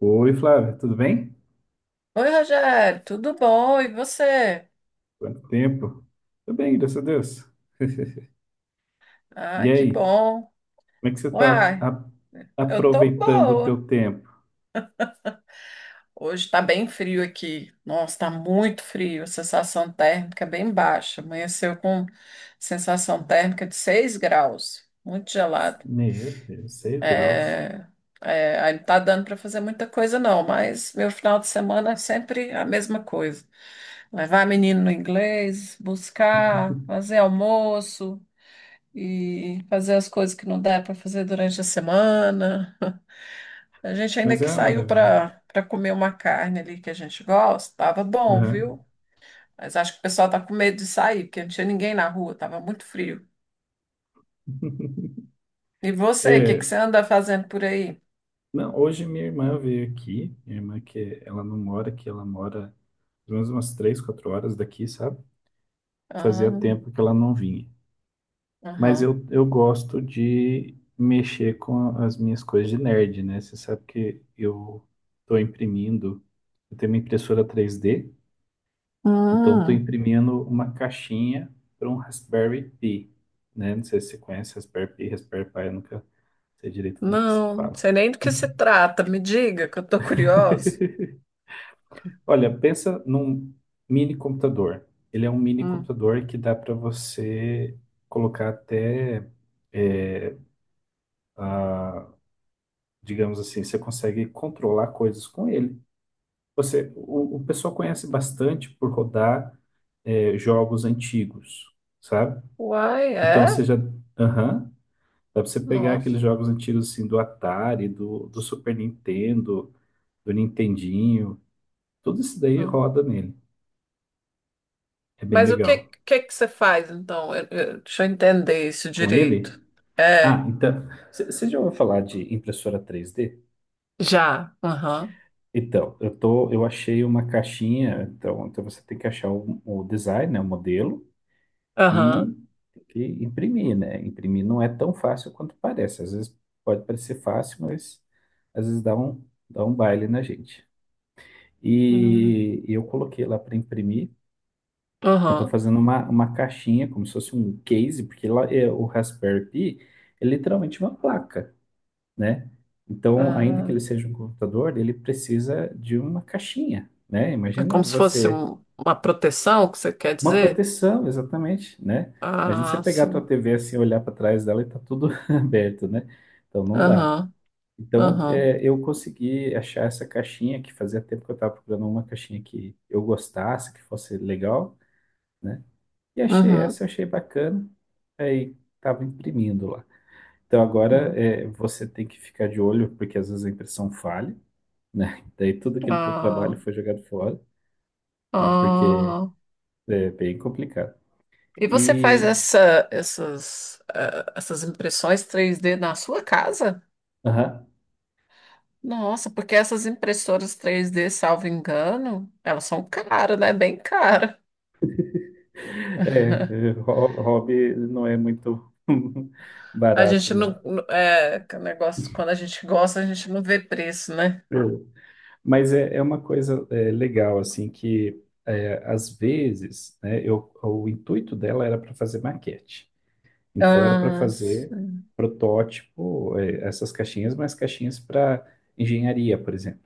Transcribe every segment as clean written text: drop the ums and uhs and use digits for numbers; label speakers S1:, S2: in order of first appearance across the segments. S1: Oi, Flávia, tudo bem?
S2: Oi, Rogério, tudo bom? E você?
S1: Quanto tempo? Tudo bem, graças a Deus. E
S2: Ah, que
S1: aí,
S2: bom.
S1: como é que você está
S2: Uai, eu tô
S1: aproveitando o
S2: boa.
S1: teu tempo?
S2: Hoje tá bem frio aqui. Nossa, tá muito frio. A sensação térmica é bem baixa. Amanheceu com sensação térmica de 6 graus. Muito gelado.
S1: Meu Deus, seis graus.
S2: É, é, aí não tá dando para fazer muita coisa, não, mas meu final de semana é sempre a mesma coisa. Levar menino no inglês, buscar, fazer almoço. E fazer as coisas que não dá para fazer durante a semana. A gente ainda
S1: Mas é
S2: que
S1: uma
S2: saiu
S1: maravilha.
S2: para comer uma carne ali que a gente gosta, tava bom,
S1: Aham.
S2: viu? Mas acho que o pessoal tá com medo de sair, porque não tinha ninguém na rua, tava muito frio. E você, o que que
S1: É,
S2: você anda fazendo por aí?
S1: não, hoje minha irmã veio aqui, minha irmã que ela não mora aqui, ela mora pelo menos umas três, quatro horas daqui, sabe? Fazia
S2: Ah,
S1: tempo que ela não vinha. Mas
S2: aham.
S1: eu gosto de mexer com as minhas coisas de nerd, né? Você sabe que eu estou imprimindo, eu tenho uma impressora três d, então estou
S2: Hum,
S1: imprimindo uma caixinha para um Raspberry Pi, né? Não sei se você conhece Raspberry Pi, Raspberry Pi, eu nunca sei direito como que se
S2: não, não
S1: fala.
S2: sei nem do que se trata. Me diga, que eu tô curiosa.
S1: Olha, pensa num mini computador. Ele é um mini
S2: Hum.
S1: computador que dá para você colocar até é, digamos assim, você consegue controlar coisas com ele. Você, o pessoal conhece bastante por rodar jogos antigos, sabe?
S2: Uai,
S1: Então você
S2: é?
S1: já, aham, dá pra você pegar aqueles
S2: Nossa.
S1: jogos antigos assim do Atari, do Super Nintendo, do Nintendinho, tudo isso daí
S2: Hum.
S1: roda nele. É bem
S2: Mas
S1: legal.
S2: que você faz, então? Deixa eu entender isso
S1: Com ele?
S2: direito. É,
S1: Ah, então, você já ouviu falar de impressora três d?
S2: já. Aham,
S1: Então, eu achei uma caixinha, então, então você tem que achar o design, né, o modelo,
S2: aham,
S1: e tem que imprimir, né? Imprimir não é tão fácil quanto parece. Às vezes pode parecer fácil, mas às vezes dá um baile na gente.
S2: hum,
S1: E eu coloquei lá para imprimir. Eu estou
S2: aham.
S1: fazendo uma caixinha, como se fosse um case, porque lá é, o Raspberry Pi é literalmente uma placa, né? Então, ainda que
S2: Ah,
S1: ele seja um computador, ele precisa de uma caixinha, né?
S2: é,
S1: Imagina
S2: como se fosse
S1: você.
S2: uma proteção, que você quer
S1: Uma
S2: dizer?
S1: proteção, exatamente, né? Imagina você
S2: Ah,
S1: pegar a tua
S2: sim.
S1: TV assim, olhar para trás dela e tá tudo aberto, né? Então não dá.
S2: Aham,
S1: Então
S2: aham,
S1: é, eu consegui achar essa caixinha que fazia tempo que eu estava procurando uma caixinha que eu gostasse, que fosse legal, né? E achei
S2: uhum,
S1: essa, achei bacana. Aí tava imprimindo lá. Então agora
S2: uhum.
S1: é, você tem que ficar de olho, porque às vezes a impressão falha, né? Daí tudo aquele teu trabalho
S2: Ah,
S1: foi jogado fora, né? Porque
S2: ah.
S1: é bem complicado.
S2: E você faz
S1: E,
S2: essa, essas, essas impressões 3D na sua casa?
S1: aham.
S2: Nossa, porque essas impressoras 3D, salvo engano, elas são caras, né? Bem caras.
S1: É, Hobby não é muito
S2: A
S1: barato,
S2: gente
S1: não.
S2: é, que o negócio, quando a gente gosta, a gente não vê preço, né?
S1: É. Mas é, é uma coisa é, legal, assim, que é, às vezes, né, eu, o intuito dela era para fazer maquete. Então, era para
S2: Ah,
S1: fazer
S2: sim.
S1: protótipo, é, essas caixinhas, mas caixinhas para engenharia, por exemplo.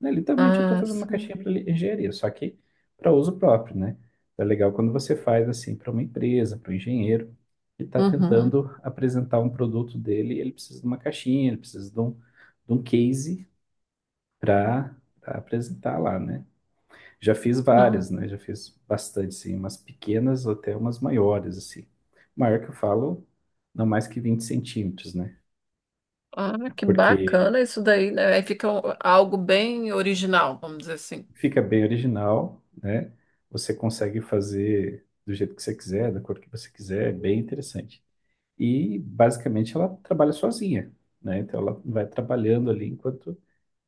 S1: Né, literalmente eu estou
S2: Ah,
S1: fazendo uma caixinha
S2: sim.
S1: para engenharia, só que para uso próprio, né? É legal quando você faz assim para uma empresa, para um engenheiro que está
S2: Uhum.
S1: tentando apresentar um produto dele, ele precisa de uma caixinha, ele precisa de de um case para apresentar lá, né? Já fiz
S2: Ah,
S1: várias, né? Já fiz bastante, assim, umas pequenas até umas maiores, assim. Maior que eu falo, não mais que 20 cm, né?
S2: ah, que
S1: Porque
S2: bacana isso daí, né? Aí fica algo bem original, vamos dizer assim.
S1: fica bem original, né? Você consegue fazer do jeito que você quiser, da cor que você quiser, é bem interessante. E basicamente ela trabalha sozinha, né? Então ela vai trabalhando ali enquanto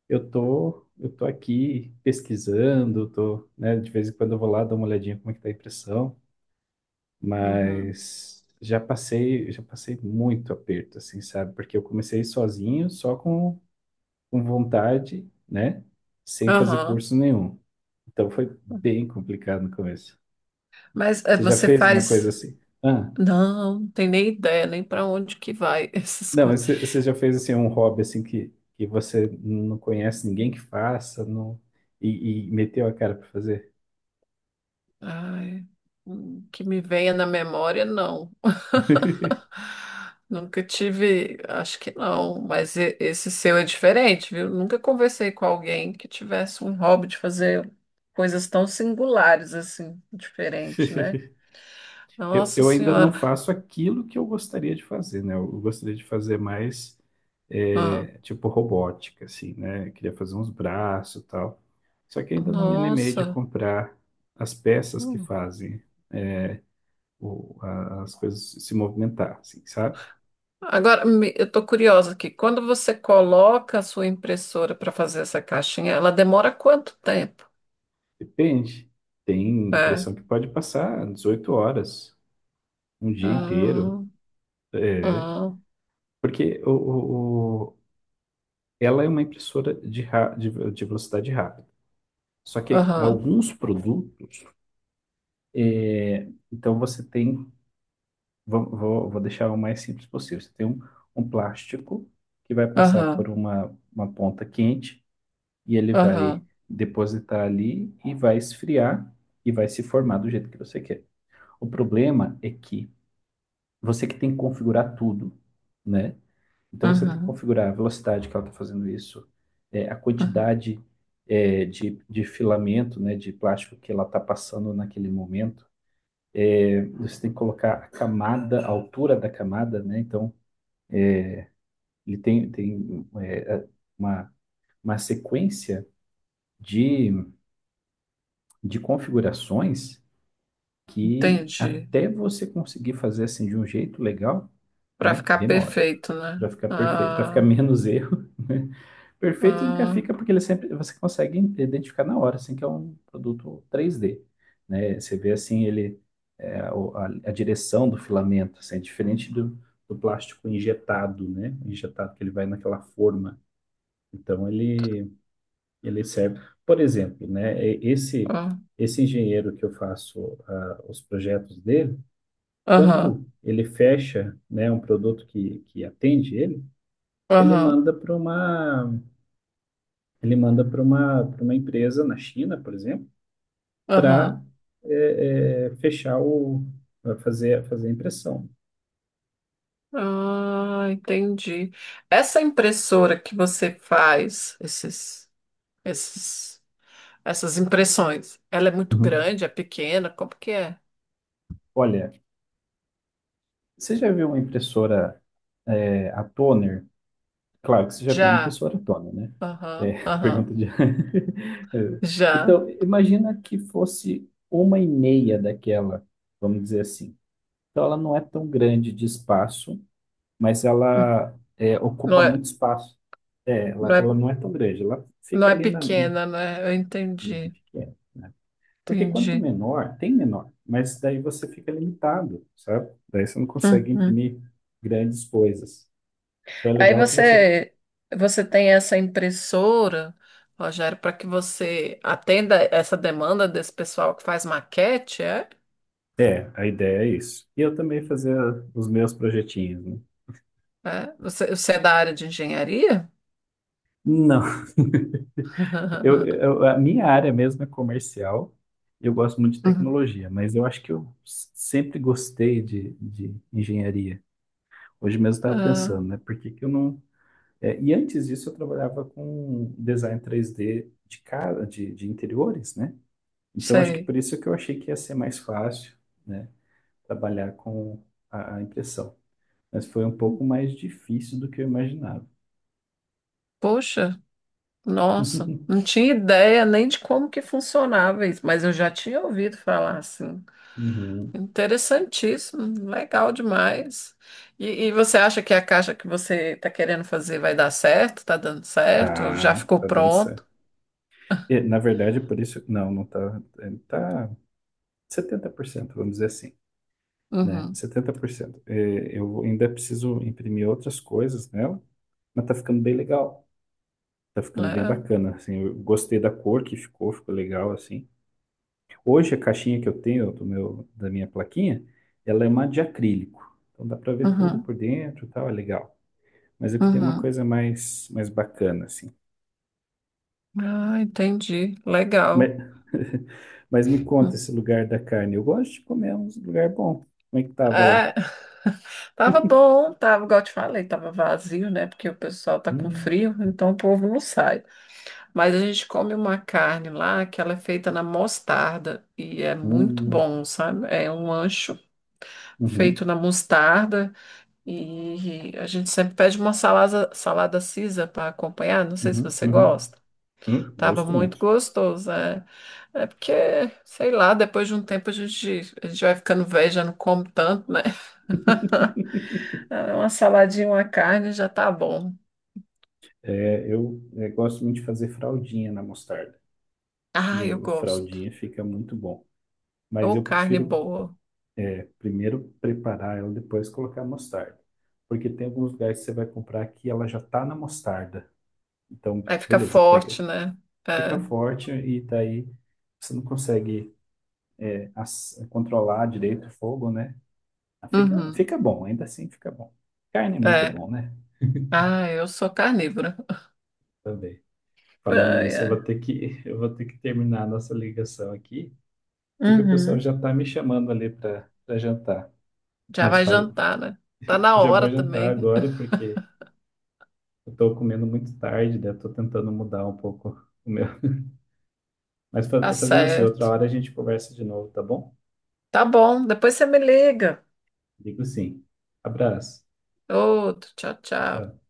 S1: eu tô aqui pesquisando, tô, né? De vez em quando eu vou lá dar uma olhadinha como é que tá a impressão,
S2: Uhum.
S1: mas já passei muito aperto, assim, sabe? Porque eu comecei sozinho, só com vontade, né? Sem fazer
S2: Aham.
S1: curso nenhum. Então foi bem complicado no começo.
S2: Mas é,
S1: Você já
S2: você
S1: fez uma coisa
S2: faz.
S1: assim? Ah,
S2: Não, tem nem ideia, nem para onde que vai essas
S1: não,
S2: coisas.
S1: mas você já fez assim um hobby assim que você não conhece ninguém que faça, não, e meteu a cara para fazer?
S2: Ai, que me venha na memória, não. Nunca tive, acho que não, mas esse seu é diferente, viu? Nunca conversei com alguém que tivesse um hobby de fazer coisas tão singulares assim, diferente, né? Nossa
S1: Eu ainda não
S2: Senhora,
S1: faço aquilo que eu gostaria de fazer, né? Eu gostaria de fazer mais
S2: ah,
S1: tipo robótica, assim, né? Eu queria fazer uns braços e tal. Só que ainda não me animei de
S2: nossa.
S1: comprar as peças que
S2: Hum.
S1: fazem as coisas se movimentar, assim, sabe?
S2: Agora, eu tô curiosa aqui. Quando você coloca a sua impressora para fazer essa caixinha, ela demora quanto tempo?
S1: Depende. Tem
S2: É.
S1: impressão que pode passar 18 horas, um dia
S2: Ah,
S1: inteiro. É.
S2: ah.
S1: Porque ela é uma impressora de velocidade rápida. Só que
S2: Aham,
S1: alguns produtos, é, então você tem, vou deixar o mais simples possível. Você tem um, um plástico que vai passar por
S2: aham,
S1: uma ponta quente e ele vai
S2: aham,
S1: depositar ali e vai esfriar e vai se formar do jeito que você quer. O problema é que você que tem que configurar tudo, né? Então você tem que
S2: aham,
S1: configurar a velocidade que ela está fazendo isso, é, a
S2: aham.
S1: quantidade é, de filamento, né, de plástico que ela está passando naquele momento. Você tem que colocar a camada, a altura da camada, né? Então ele tem é, uma, uma sequência de, de configurações que
S2: Entendi.
S1: até você conseguir fazer assim de um jeito legal,
S2: Para
S1: né,
S2: ficar
S1: demora.
S2: perfeito, né?
S1: Para ficar perfeito, para ficar
S2: Ah,
S1: menos erro. Perfeito nunca
S2: ah,
S1: fica porque ele sempre você consegue identificar na hora, assim que é um produto 3D, né? Você vê assim ele é, a direção do filamento, assim, é diferente do, do plástico injetado, né? Injetado que ele vai naquela forma. Então ele ele serve, por exemplo, né? Esse
S2: ah.
S1: esse engenheiro que eu faço ah, os projetos dele,
S2: Aham,
S1: quando ele fecha, né, um produto que atende ele, ele
S2: aham,
S1: manda para uma. Ele manda para uma empresa na China, por exemplo, para
S2: aham.
S1: fechar o, pra fazer a impressão.
S2: Ah, entendi. Essa impressora que você faz, esses, essas impressões, ela é muito
S1: Uhum.
S2: grande, é pequena? Como que é?
S1: Olha, você já viu uma impressora, é, a toner? Claro que você já viu uma
S2: Já.
S1: impressora toner, né?
S2: Aham,
S1: É,
S2: aham.
S1: pergunta de. É.
S2: Já.
S1: Então, imagina que fosse uma e meia daquela, vamos dizer assim. Então, ela não é tão grande de espaço, mas
S2: Hum.
S1: ela é,
S2: Não
S1: ocupa
S2: é,
S1: muito espaço. É,
S2: não é,
S1: ela não é tão grande, ela
S2: não
S1: fica
S2: é
S1: ali
S2: pequena, né?
S1: pequena, né? Porque quanto
S2: Entendi.
S1: menor, tem menor, mas daí você fica limitado, sabe? Daí você não consegue
S2: Uhum.
S1: imprimir grandes coisas. Então é
S2: Aí
S1: legal que você.
S2: você tem essa impressora, Rogério, para que você atenda essa demanda desse pessoal que faz maquete, é?
S1: É, a ideia é isso. E eu também fazer os meus projetinhos, né?
S2: É? Você é da área de engenharia?
S1: Não, a minha área mesmo é comercial. Eu gosto muito de
S2: Uhum.
S1: tecnologia, mas eu acho que eu sempre gostei de engenharia. Hoje mesmo eu estava
S2: Ah,
S1: pensando, né? Por que que eu não. É, e antes disso eu trabalhava com design 3D de casa, de interiores, né? Então acho que
S2: sei.
S1: por isso que eu achei que ia ser mais fácil, né? Trabalhar com a impressão. Mas foi um pouco mais difícil do que eu imaginava.
S2: Poxa, nossa, não tinha ideia nem de como que funcionava isso, mas eu já tinha ouvido falar assim.
S1: Uhum.
S2: Interessantíssimo, legal demais. E você acha que a caixa que você está querendo fazer vai dar certo? Está dando certo? Já
S1: Tá,
S2: ficou
S1: tá dando certo.
S2: pronto?
S1: E, na verdade, por isso. Não, não tá. É, tá setenta por cento, vamos dizer assim. Né?
S2: Uhum,
S1: 70%. É, eu ainda preciso imprimir outras coisas nela, mas tá ficando bem legal. Tá ficando bem
S2: é,
S1: bacana, assim, eu gostei da cor que ficou, ficou legal, assim. Hoje a caixinha que eu tenho do meu, da minha plaquinha, ela é uma de acrílico. Então dá para ver tudo
S2: uhum,
S1: por dentro e tal, é legal. Mas eu queria uma
S2: uhum.
S1: coisa mais, mais bacana, assim.
S2: Ah, entendi.
S1: Mas,
S2: Legal.
S1: mas me conta
S2: Hum.
S1: esse lugar da carne. Eu gosto de comer um lugar bom. Como é que tava lá?
S2: É, tava bom, tava, igual eu te falei, tava vazio, né? Porque o pessoal tá com
S1: Hum,
S2: frio, então o povo não sai. Mas a gente come uma carne lá que ela é feita na mostarda e é muito
S1: hum,
S2: bom, sabe? É um ancho
S1: hum,
S2: feito na mostarda. E a gente sempre pede uma salada, salada Caesar para acompanhar. Não sei se
S1: uhum,
S2: você
S1: uhum, uhum.
S2: gosta. Tava
S1: Gosto
S2: muito
S1: muito.
S2: gostoso, é. É porque, sei lá, depois de um tempo a gente vai ficando velho, já não come tanto, né? É, uma saladinha, uma carne já tá bom.
S1: É, gosto muito de fazer fraldinha na mostarda.
S2: Ah,
S1: E
S2: eu
S1: o
S2: gosto.
S1: fraldinha fica muito bom. Mas
S2: Ou
S1: eu
S2: carne
S1: prefiro
S2: boa.
S1: primeiro preparar ela, depois colocar a mostarda. Porque tem alguns lugares que você vai comprar que ela já tá na mostarda. Então,
S2: Aí fica
S1: beleza, pega.
S2: forte, né?
S1: Fica
S2: É.
S1: forte e daí você não consegue controlar direito o fogo, né? Fica,
S2: Uhum.
S1: fica bom, ainda assim fica bom. Carne é muito
S2: É.
S1: bom, né?
S2: Ah, eu sou carnívora.
S1: Também. Falando
S2: Ai,
S1: nisso, eu
S2: ai.
S1: vou ter que, eu vou ter que terminar a nossa ligação aqui, porque o pessoal
S2: Uhum.
S1: já tá me chamando ali para jantar.
S2: Já
S1: Mas
S2: vai
S1: faz...
S2: jantar, né? Tá na
S1: já vou
S2: hora
S1: jantar
S2: também.
S1: agora porque eu tô comendo muito tarde, né? Eu tô tentando mudar um pouco o meu. Mas
S2: Tá
S1: fazendo assim, outra
S2: certo.
S1: hora a gente conversa de novo, tá bom?
S2: Tá bom, depois você me liga.
S1: Digo sim. Abraço.
S2: Outro, tchau, tchau.
S1: Tchau.